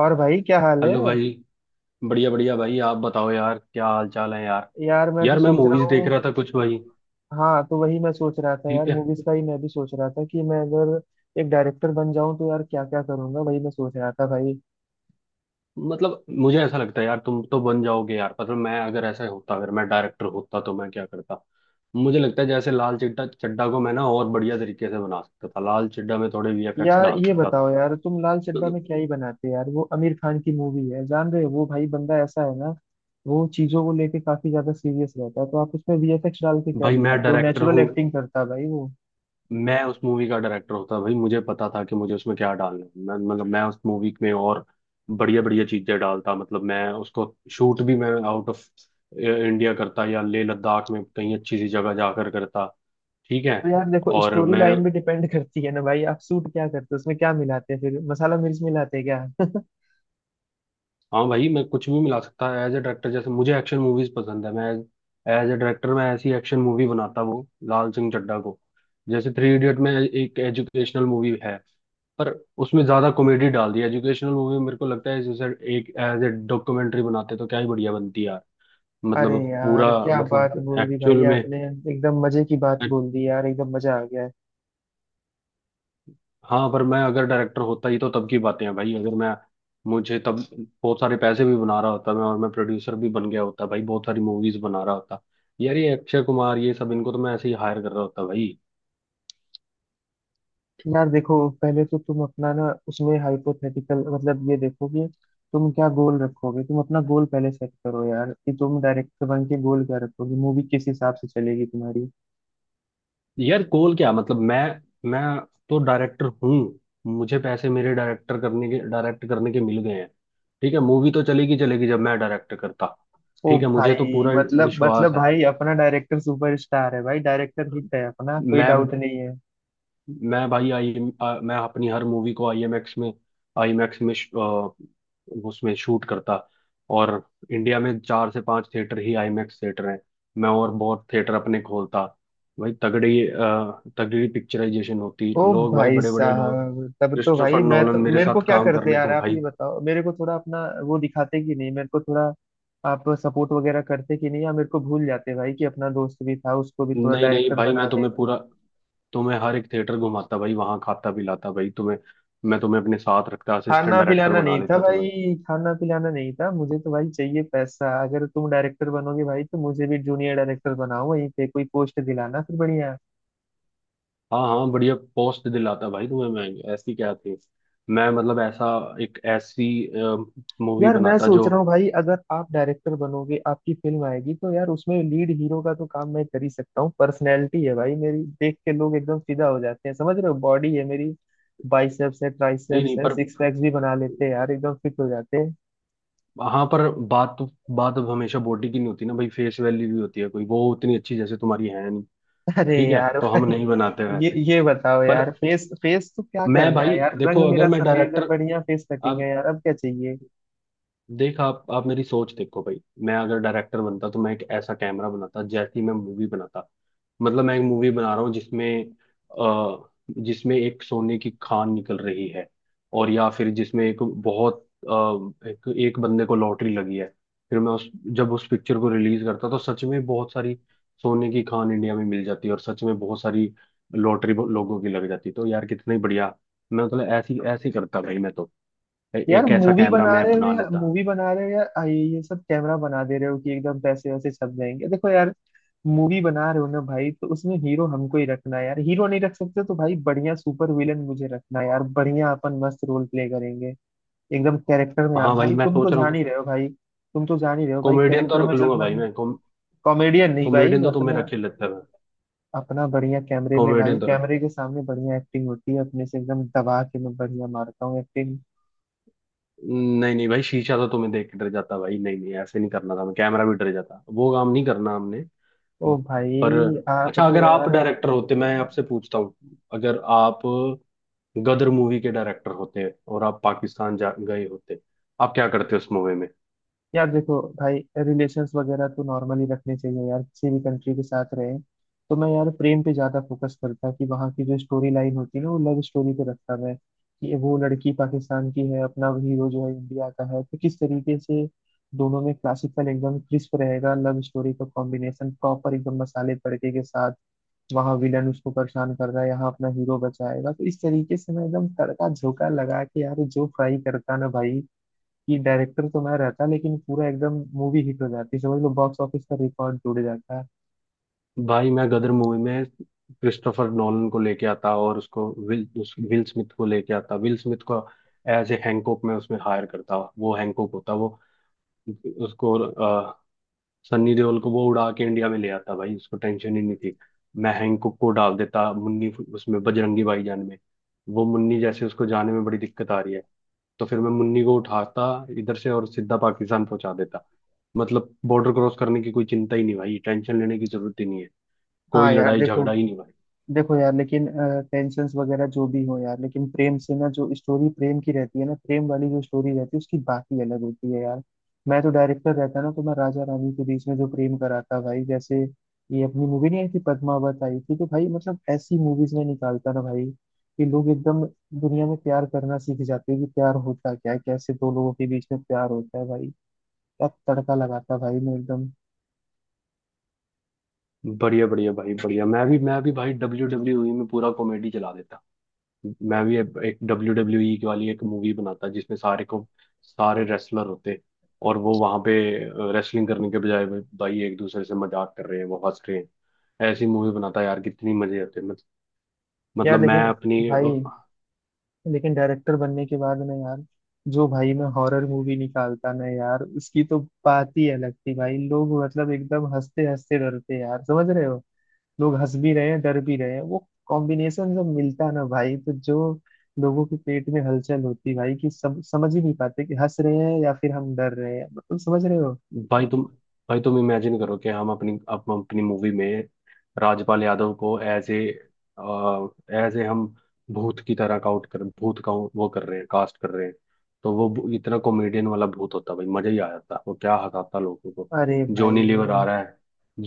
और भाई क्या हाल हेलो है? भाई। बढ़िया बढ़िया भाई, आप बताओ यार, क्या हाल चाल है यार। यार मैं तो यार मैं सोच रहा मूवीज देख हूँ। रहा था कुछ भाई। हाँ, तो वही मैं सोच रहा था यार, ठीक है। मूवीज का ही मैं भी सोच रहा था कि मैं अगर एक डायरेक्टर बन जाऊं तो यार क्या क्या करूंगा, वही मैं सोच रहा था भाई। मतलब मुझे ऐसा लगता है यार, तुम तो बन जाओगे यार। मतलब मैं अगर ऐसा होता, अगर मैं डायरेक्टर होता तो मैं क्या करता। मुझे लगता है जैसे लाल चड्ढा चड्ढा को मैं ना और बढ़िया तरीके से बना सकता था। लाल चड्ढा में थोड़े वीएफएक्स यार डाल ये सकता था। बताओ यार, तुम लाल चड्ढा में मतलब, क्या ही बनाते यार, वो आमिर खान की मूवी है, जान रहे हो, वो भाई बंदा ऐसा है ना, वो चीजों को लेके काफी ज्यादा सीरियस रहता है, तो आप उसमें वीएफएक्स डाल के क्या भाई मैं दिखाते हो? डायरेक्टर नेचुरल हूँ। एक्टिंग करता है भाई वो। मैं उस मूवी का डायरेक्टर होता भाई, मुझे पता था कि मुझे उसमें क्या डालना है। मैं उस मूवी में और बढ़िया बढ़िया चीजें डालता। मतलब मैं उसको शूट भी मैं आउट ऑफ इंडिया करता, या लेह लद्दाख में कहीं अच्छी सी जगह जाकर करता। ठीक है। तो यार देखो, और स्टोरी मैं लाइन भी डिपेंड करती है ना भाई, आप सूट क्या करते हो, उसमें क्या मिलाते हैं, फिर मसाला मिर्च मिलाते हैं क्या? हाँ भाई, मैं कुछ भी मिला सकता है एज ए डायरेक्टर। जैसे मुझे एक्शन मूवीज पसंद है, मैं एज ए डायरेक्टर मैं ऐसी एक्शन मूवी बनाता, वो लाल सिंह चड्ढा को। जैसे थ्री इडियट में एक एजुकेशनल मूवी है, पर उसमें ज्यादा कॉमेडी डाल दी। एजुकेशनल मूवी मेरे को लगता है, जैसे एक एज ए डॉक्यूमेंट्री बनाते तो क्या ही बढ़िया बनती यार। अरे मतलब यार, पूरा, क्या बात मतलब बोल दी भाई एक्चुअल में। आपने, एकदम मजे की बात बोल दी यार, एकदम मजा आ गया है। हाँ, पर मैं अगर डायरेक्टर होता ही तो तब की बातें हैं भाई। अगर मैं मुझे तब बहुत सारे पैसे भी बना रहा होता मैं, और मैं प्रोड्यूसर भी बन गया होता भाई, बहुत सारी मूवीज बना रहा होता। यार ये अक्षय कुमार, ये सब इनको तो मैं ऐसे ही हायर कर रहा होता भाई। यार देखो, पहले तो तुम अपना ना, उसमें हाइपोथेटिकल मतलब ये देखो कि तुम क्या गोल रखोगे, तुम अपना गोल पहले सेट करो यार कि तुम डायरेक्टर बन के गोल क्या रखोगे, मूवी किस हिसाब से चलेगी तुम्हारी। यार गोल क्या मतलब, मैं तो डायरेक्टर हूँ। मुझे पैसे मेरे डायरेक्टर करने के, डायरेक्ट करने के मिल गए हैं। ठीक है, मूवी तो चलेगी चलेगी जब मैं डायरेक्ट करता। ओ ठीक है, मुझे तो भाई, पूरा मतलब विश्वास मतलब है। भाई, अपना डायरेक्टर सुपरस्टार है भाई, डायरेक्टर हिट है, अपना कोई मैं डाउट नहीं। मैं भाई, आई मैं अपनी हर मूवी को आईएमएक्स में, आईमैक्स में उसमें शूट करता। और इंडिया में चार से पांच थिएटर ही आईमैक्स थिएटर हैं। मैं और बहुत थिएटर अपने खोलता भाई। तगड़ी तगड़ी पिक्चराइजेशन होती ओ लोग, भाई भाई बड़े बड़े लोग, साहब, तब तो क्रिस्टोफर भाई मैं नोलन तो मेरे मेरे को साथ क्या काम करते करने यार, को आप भाई। ये बताओ, मेरे को थोड़ा अपना वो दिखाते कि नहीं, मेरे को थोड़ा आप सपोर्ट वगैरह करते कि नहीं, या मेरे को भूल जाते भाई कि अपना दोस्त भी था उसको भी थोड़ा नहीं नहीं डायरेक्टर भाई, बना मैं दे। तुम्हें पूरा, तुम्हें हर एक थिएटर घुमाता भाई, वहां खाता पिलाता भाई तुम्हें। मैं तुम्हें अपने साथ रखता, असिस्टेंट खाना डायरेक्टर पिलाना बना नहीं था लेता तुम्हें। भाई, खाना पिलाना नहीं था, मुझे तो भाई चाहिए पैसा, अगर तुम डायरेक्टर बनोगे भाई तो मुझे भी जूनियर डायरेक्टर बनाओ, वहीं पे कोई पोस्ट दिलाना फिर बढ़िया। हाँ हाँ, बढ़िया पोस्ट दिलाता भाई तुम्हें। मैं ऐसी क्या थी, मैं मतलब ऐसा एक ऐसी मूवी यार मैं बनाता सोच जो, रहा हूँ भाई, अगर आप डायरेक्टर बनोगे आपकी फिल्म आएगी, तो यार उसमें लीड हीरो का तो काम मैं कर ही सकता हूँ, पर्सनैलिटी है भाई मेरी, देख के लोग एकदम फिदा हो जाते हैं, समझ रहे हो, बॉडी है मेरी, बाइसेप्स है, नहीं ट्राइसेप्स नहीं है, पर, सिक्स पैक्स भी बना लेते हैं यार, एकदम फिट हो जाते हैं। हाँ पर बात अब हमेशा बॉडी की नहीं होती ना भाई, फेस वैल्यू भी होती है। कोई वो उतनी अच्छी जैसे तुम्हारी है नहीं। अरे ठीक है, यार तो हम भाई, नहीं बनाते ये वैसे। ये बताओ पर यार, फेस फेस तो क्या मैं करना है भाई यार, देखो, रंग अगर मेरा मैं सफेद है, डायरेक्टर, बढ़िया फेस कटिंग अब है यार, अब क्या चाहिए? देख, आप मेरी सोच देखो भाई। मैं अगर डायरेक्टर बनता तो मैं एक ऐसा कैमरा बनाता जैसी मैं मूवी बनाता। मतलब मैं एक मूवी बना रहा हूँ, जिसमें अ जिसमें एक सोने की खान निकल रही है। और या फिर जिसमें एक बहुत अ, एक बंदे को लॉटरी लगी है। फिर मैं उस, जब उस पिक्चर को रिलीज करता तो सच में बहुत सारी सोने की खान इंडिया में मिल जाती है, और सच में बहुत सारी लॉटरी लोगों की लग जाती। तो यार कितना ही बढ़िया। मैं मतलब ऐसी ऐसी करता भाई मैं तो, यार एक ऐसा मूवी कैमरा बना मैं रहे हो बना या लेता। मूवी बना रहे हो या ये सब कैमरा बना दे रहे हो कि एकदम पैसे वैसे छप जाएंगे, देखो यार, मूवी बना रहे हो ना भाई, तो उसमें हीरो हमको ही रखना है यार, हीरो नहीं रख सकते तो भाई बढ़िया सुपर विलन मुझे रखना है यार, बढ़िया अपन मस्त रोल प्ले करेंगे एकदम कैरेक्टर में आ हाँ भाई, भाई, मैं तुम तो सोच रहा हूँ जान कि ही रहे हो भाई, तुम तो जान ही रहे हो भाई, कॉमेडियन तो कैरेक्टर में रख जब लूंगा मैं, भाई मैं। कॉमेडियन नहीं भाई, कॉमेडियन तो तुम्हें अपना रख ही लेता है। अपना बढ़िया कैमरे में भाई, कॉमेडियन तो कैमरे के सामने बढ़िया एक्टिंग होती है, अपने से एकदम दबा के मैं बढ़िया मारता हूँ एक्टिंग। नहीं नहीं भाई, शीशा तो तुम्हें देख के डर जाता भाई। नहीं नहीं, ऐसे नहीं करना था। मैं कैमरा भी डर जाता, वो काम नहीं करना हमने। ओ भाई, पर आप अच्छा, तो अगर आप यार, डायरेक्टर होते, मैं आपसे पूछता हूँ, अगर आप गदर मूवी के डायरेक्टर होते और आप पाकिस्तान जा गए होते, आप क्या करते उस मूवी में। यार देखो भाई, रिलेशंस वगैरह तो नॉर्मली रखने चाहिए यार, किसी भी कंट्री के साथ रहे, तो मैं यार प्रेम पे ज्यादा फोकस करता कि वहाँ की जो स्टोरी लाइन होती है ना, वो लव स्टोरी पे रखता मैं, कि वो लड़की पाकिस्तान की है, अपना हीरो जो है इंडिया का है, तो किस तरीके से दोनों में क्लासिकल एकदम क्रिस्प रहेगा लव स्टोरी का कॉम्बिनेशन प्रॉपर एकदम मसाले तड़के के साथ, वहाँ विलन उसको परेशान कर रहा है, यहाँ अपना हीरो बचाएगा, तो इस तरीके से मैं एकदम तड़का झोंका लगा के यार जो फ्राई करता ना भाई, कि डायरेक्टर तो मैं रहता लेकिन पूरा एकदम मूवी हिट हो जाती, समझ लो बॉक्स ऑफिस का रिकॉर्ड जुड़ जाता है। भाई मैं गदर मूवी में क्रिस्टोफर नॉलन को लेके आता, और उसको विल, उस विल स्मिथ को लेके आता। विल स्मिथ को एज ए हैंकॉक में उसमें हायर करता, वो हैंकॉक होता वो। उसको सनी देओल को वो उड़ा के इंडिया में ले आता भाई, उसको टेंशन ही नहीं थी। मैं हैंकॉक को डाल देता मुन्नी उसमें, बजरंगी भाईजान में वो मुन्नी, जैसे उसको जाने में बड़ी दिक्कत आ रही है, तो फिर मैं मुन्नी को उठाता इधर से और सीधा पाकिस्तान पहुंचा देता। मतलब बॉर्डर क्रॉस करने की कोई चिंता ही नहीं भाई, टेंशन लेने की जरूरत ही नहीं है। हाँ कोई यार लड़ाई देखो, झगड़ा ही नहीं भाई। देखो यार लेकिन टेंशन वगैरह जो भी हो यार, लेकिन प्रेम से ना, जो स्टोरी प्रेम की रहती है ना, प्रेम वाली जो स्टोरी रहती है उसकी बात ही अलग होती है यार। मैं तो डायरेक्टर रहता ना तो मैं राजा रानी के बीच में जो प्रेम कराता भाई, जैसे ये अपनी मूवी नहीं आई थी पद्मावत आई थी, तो भाई मतलब ऐसी मूवीज में निकालता ना भाई कि लोग एकदम दुनिया में प्यार करना सीख जाते हैं कि प्यार होता क्या है, कैसे दो लोगों के बीच में प्यार होता है भाई, क्या तड़का लगाता भाई मैं एकदम। बढ़िया बढ़िया भाई, बढ़िया। मैं भी भाई, डब्ल्यू डब्ल्यू ई में पूरा कॉमेडी चला देता। मैं भी अब एक डब्ल्यू डब्ल्यू ई की वाली एक मूवी बनाता, जिसमें सारे को, सारे रेसलर होते और वो वहां पे रेसलिंग करने के बजाय भाई भाई एक दूसरे से मजाक कर रहे हैं, वो हंस रहे हैं। ऐसी मूवी बनाता यार, कितनी मजे आते। यार मतलब मैं लेकिन अपनी, भाई, लेकिन डायरेक्टर बनने के बाद में यार, जो भाई मैं हॉरर मूवी निकालता ना यार, उसकी तो बात ही अलग थी भाई, लोग मतलब एकदम हंसते हंसते डरते यार, समझ रहे हो, लोग हंस भी रहे हैं डर भी रहे हैं, वो कॉम्बिनेशन जब मिलता ना भाई, तो जो लोगों के पेट में हलचल होती भाई कि सब समझ ही नहीं पाते कि हंस रहे हैं या फिर हम डर रहे हैं, मतलब समझ रहे हो। भाई तुम, भाई तुम इमेजिन करो कि हम अपनी मूवी में राजपाल यादव को एज ए हम भूत की तरह काउट कर, भूत का वो कर रहे हैं, कास्ट कर रहे हैं। तो वो इतना कॉमेडियन वाला भूत होता भाई, मजा ही आ जाता। वो क्या हंसाता लोगों को। अरे जॉनी लीवर आ भाई, रहा है,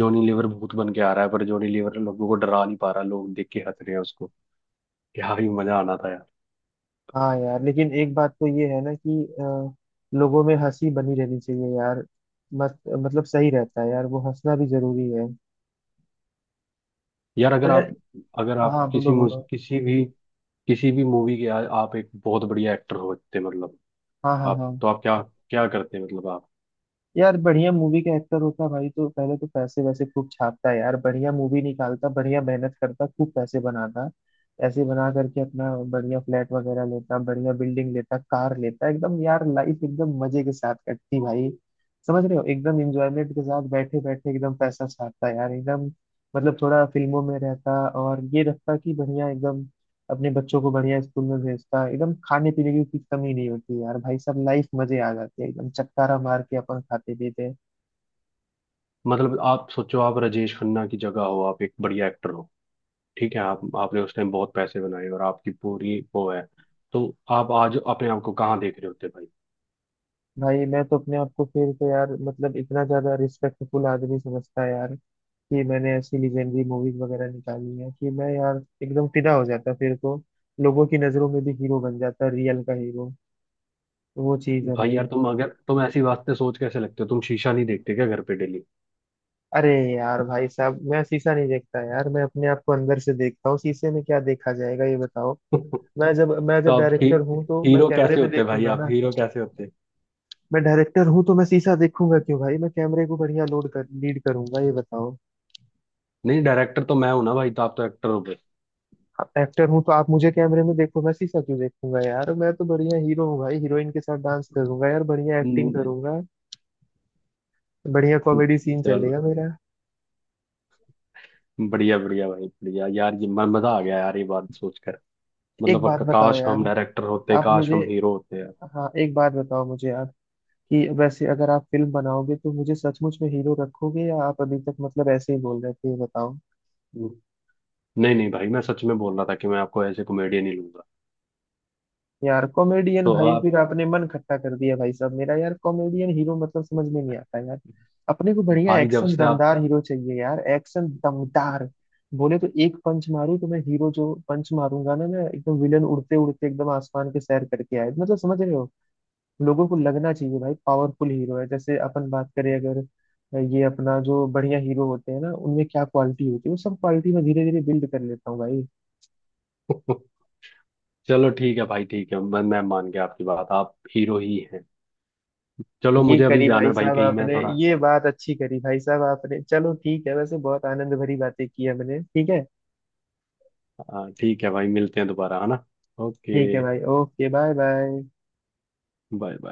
जॉनी लीवर भूत बन के आ रहा है, पर जॉनी लीवर लोगों को डरा नहीं पा रहा, लोग देख के हंस रहे हैं उसको। क्या ही मजा आना था यार। हाँ यार लेकिन एक बात तो ये है ना कि लोगों में हंसी बनी रहनी चाहिए यार, मत मतलब सही रहता है यार, वो हंसना भी जरूरी है, यार अगर और आप, यार, अगर आप हाँ किसी बोलो बोलो, किसी भी, किसी भी मूवी के आप एक बहुत बढ़िया एक्टर होते मतलब, हाँ हाँ आप हाँ। तो आप क्या क्या करते हैं? मतलब आप, यार बढ़िया मूवी का एक्टर होता भाई, तो पहले तो पैसे वैसे खूब छापता यार, बढ़िया मूवी निकालता, बढ़िया मेहनत करता, खूब पैसे बनाता, ऐसे बना करके अपना बढ़िया फ्लैट वगैरह लेता, बढ़िया बिल्डिंग लेता, कार लेता, एकदम यार लाइफ एकदम मजे के साथ कटती भाई, समझ रहे हो, एकदम इंजॉयमेंट के साथ बैठे बैठे एकदम पैसा छापता यार एकदम, मतलब थोड़ा फिल्मों में रहता और ये रहता कि बढ़िया एकदम अपने बच्चों को बढ़िया स्कूल में भेजता, एकदम खाने पीने की कुछ कमी नहीं होती यार भाई, सब लाइफ मजे आ जाते हैं, एकदम चटकारा मार के अपन खाते पीते हैं। मतलब आप सोचो आप राजेश खन्ना की जगह हो, आप एक बढ़िया एक्टर हो। ठीक है, आप, आपने उस टाइम बहुत पैसे बनाए और आपकी पूरी वो है, तो आप आज अपने आप को कहाँ देख रहे होते भाई। भाई मैं तो अपने आप को फिर तो यार, मतलब इतना ज्यादा रिस्पेक्टफुल आदमी समझता है यार कि मैंने ऐसी लीजेंडरी मूवीज वगैरह निकाली है, कि मैं यार एकदम फिदा हो जाता फिर तो, लोगों की नजरों में भी हीरो बन जाता, रियल का हीरो, वो चीज है भाई भाई। यार, तुम अगर तुम ऐसी बात से, सोच कैसे लगते हो तुम? शीशा नहीं देखते क्या घर पे डेली? अरे यार भाई साहब, मैं शीशा नहीं देखता यार, मैं अपने आप को अंदर से देखता हूँ, शीशे में क्या देखा जाएगा ये बताओ। मैं जब मैं तो जब आप ही, डायरेक्टर हूँ तो मैं हीरो कैमरे कैसे में होते भाई? देखूंगा आप ना। हीरो कैसे होते? मैं डायरेक्टर हूँ तो मैं शीशा देखूंगा क्यों भाई, मैं कैमरे को बढ़िया लोड कर लीड करूंगा ये बताओ। नहीं, डायरेक्टर तो मैं हूं ना भाई, तो आप तो एक्टर हो गए। एक्टर हूँ तो आप मुझे कैमरे में देखो, मैं शीशा क्यों देखूंगा यार, मैं तो बढ़िया हीरो हूँ भाई, हीरोइन के साथ डांस करूंगा यार, बढ़िया एक्टिंग हम्म, करूंगा, बढ़िया कॉमेडी सीन चलो। चलेगा मेरा। बढ़िया बढ़िया भाई, बढ़िया। यार ये मजा आ गया यार, ये बात सोचकर। एक मतलब बात बताओ काश यार, हम डायरेक्टर होते, आप काश मुझे, हम हीरो होते यार। हाँ एक बात बताओ मुझे आप, कि वैसे अगर आप फिल्म बनाओगे तो मुझे सचमुच में हीरो रखोगे या आप अभी तक मतलब ऐसे ही बोल रहे थे ये बताओ। हम्म, नहीं नहीं भाई, मैं सच में बोल रहा था कि मैं आपको ऐसे कॉमेडियन ही लूंगा। यार कॉमेडियन तो भाई, आप, फिर आपने मन खट्टा कर दिया भाई साहब मेरा यार, कॉमेडियन हीरो मतलब समझ में नहीं आता यार, अपने को बढ़िया भाई जब एक्शन से आप, दमदार हीरो चाहिए यार, एक्शन दमदार बोले तो एक पंच मारूं तो मैं हीरो जो पंच मारूंगा ना मैं, एकदम विलन उड़ते उड़ते एकदम आसमान के सैर करके आए, मतलब समझ रहे हो, लोगों को लगना चाहिए भाई पावरफुल हीरो है, जैसे अपन बात करें अगर, ये अपना जो बढ़िया हीरो होते हैं ना उनमें क्या क्वालिटी होती है वो सब क्वालिटी मैं धीरे धीरे बिल्ड कर लेता हूँ भाई। चलो ठीक है भाई। ठीक है, मैं मान गया आपकी बात, आप हीरो ही हैं। चलो ये मुझे अभी करी जाना भाई है भाई, साहब कहीं मैं आपने, थोड़ा ये बात अच्छी करी भाई साहब आपने, चलो ठीक है, वैसे बहुत आनंद भरी बातें की हमने, ठीक है, ठीक है भाई, मिलते हैं दोबारा, है ना? ओके, ठीक है भाई, okay, bye bye. Bye bye.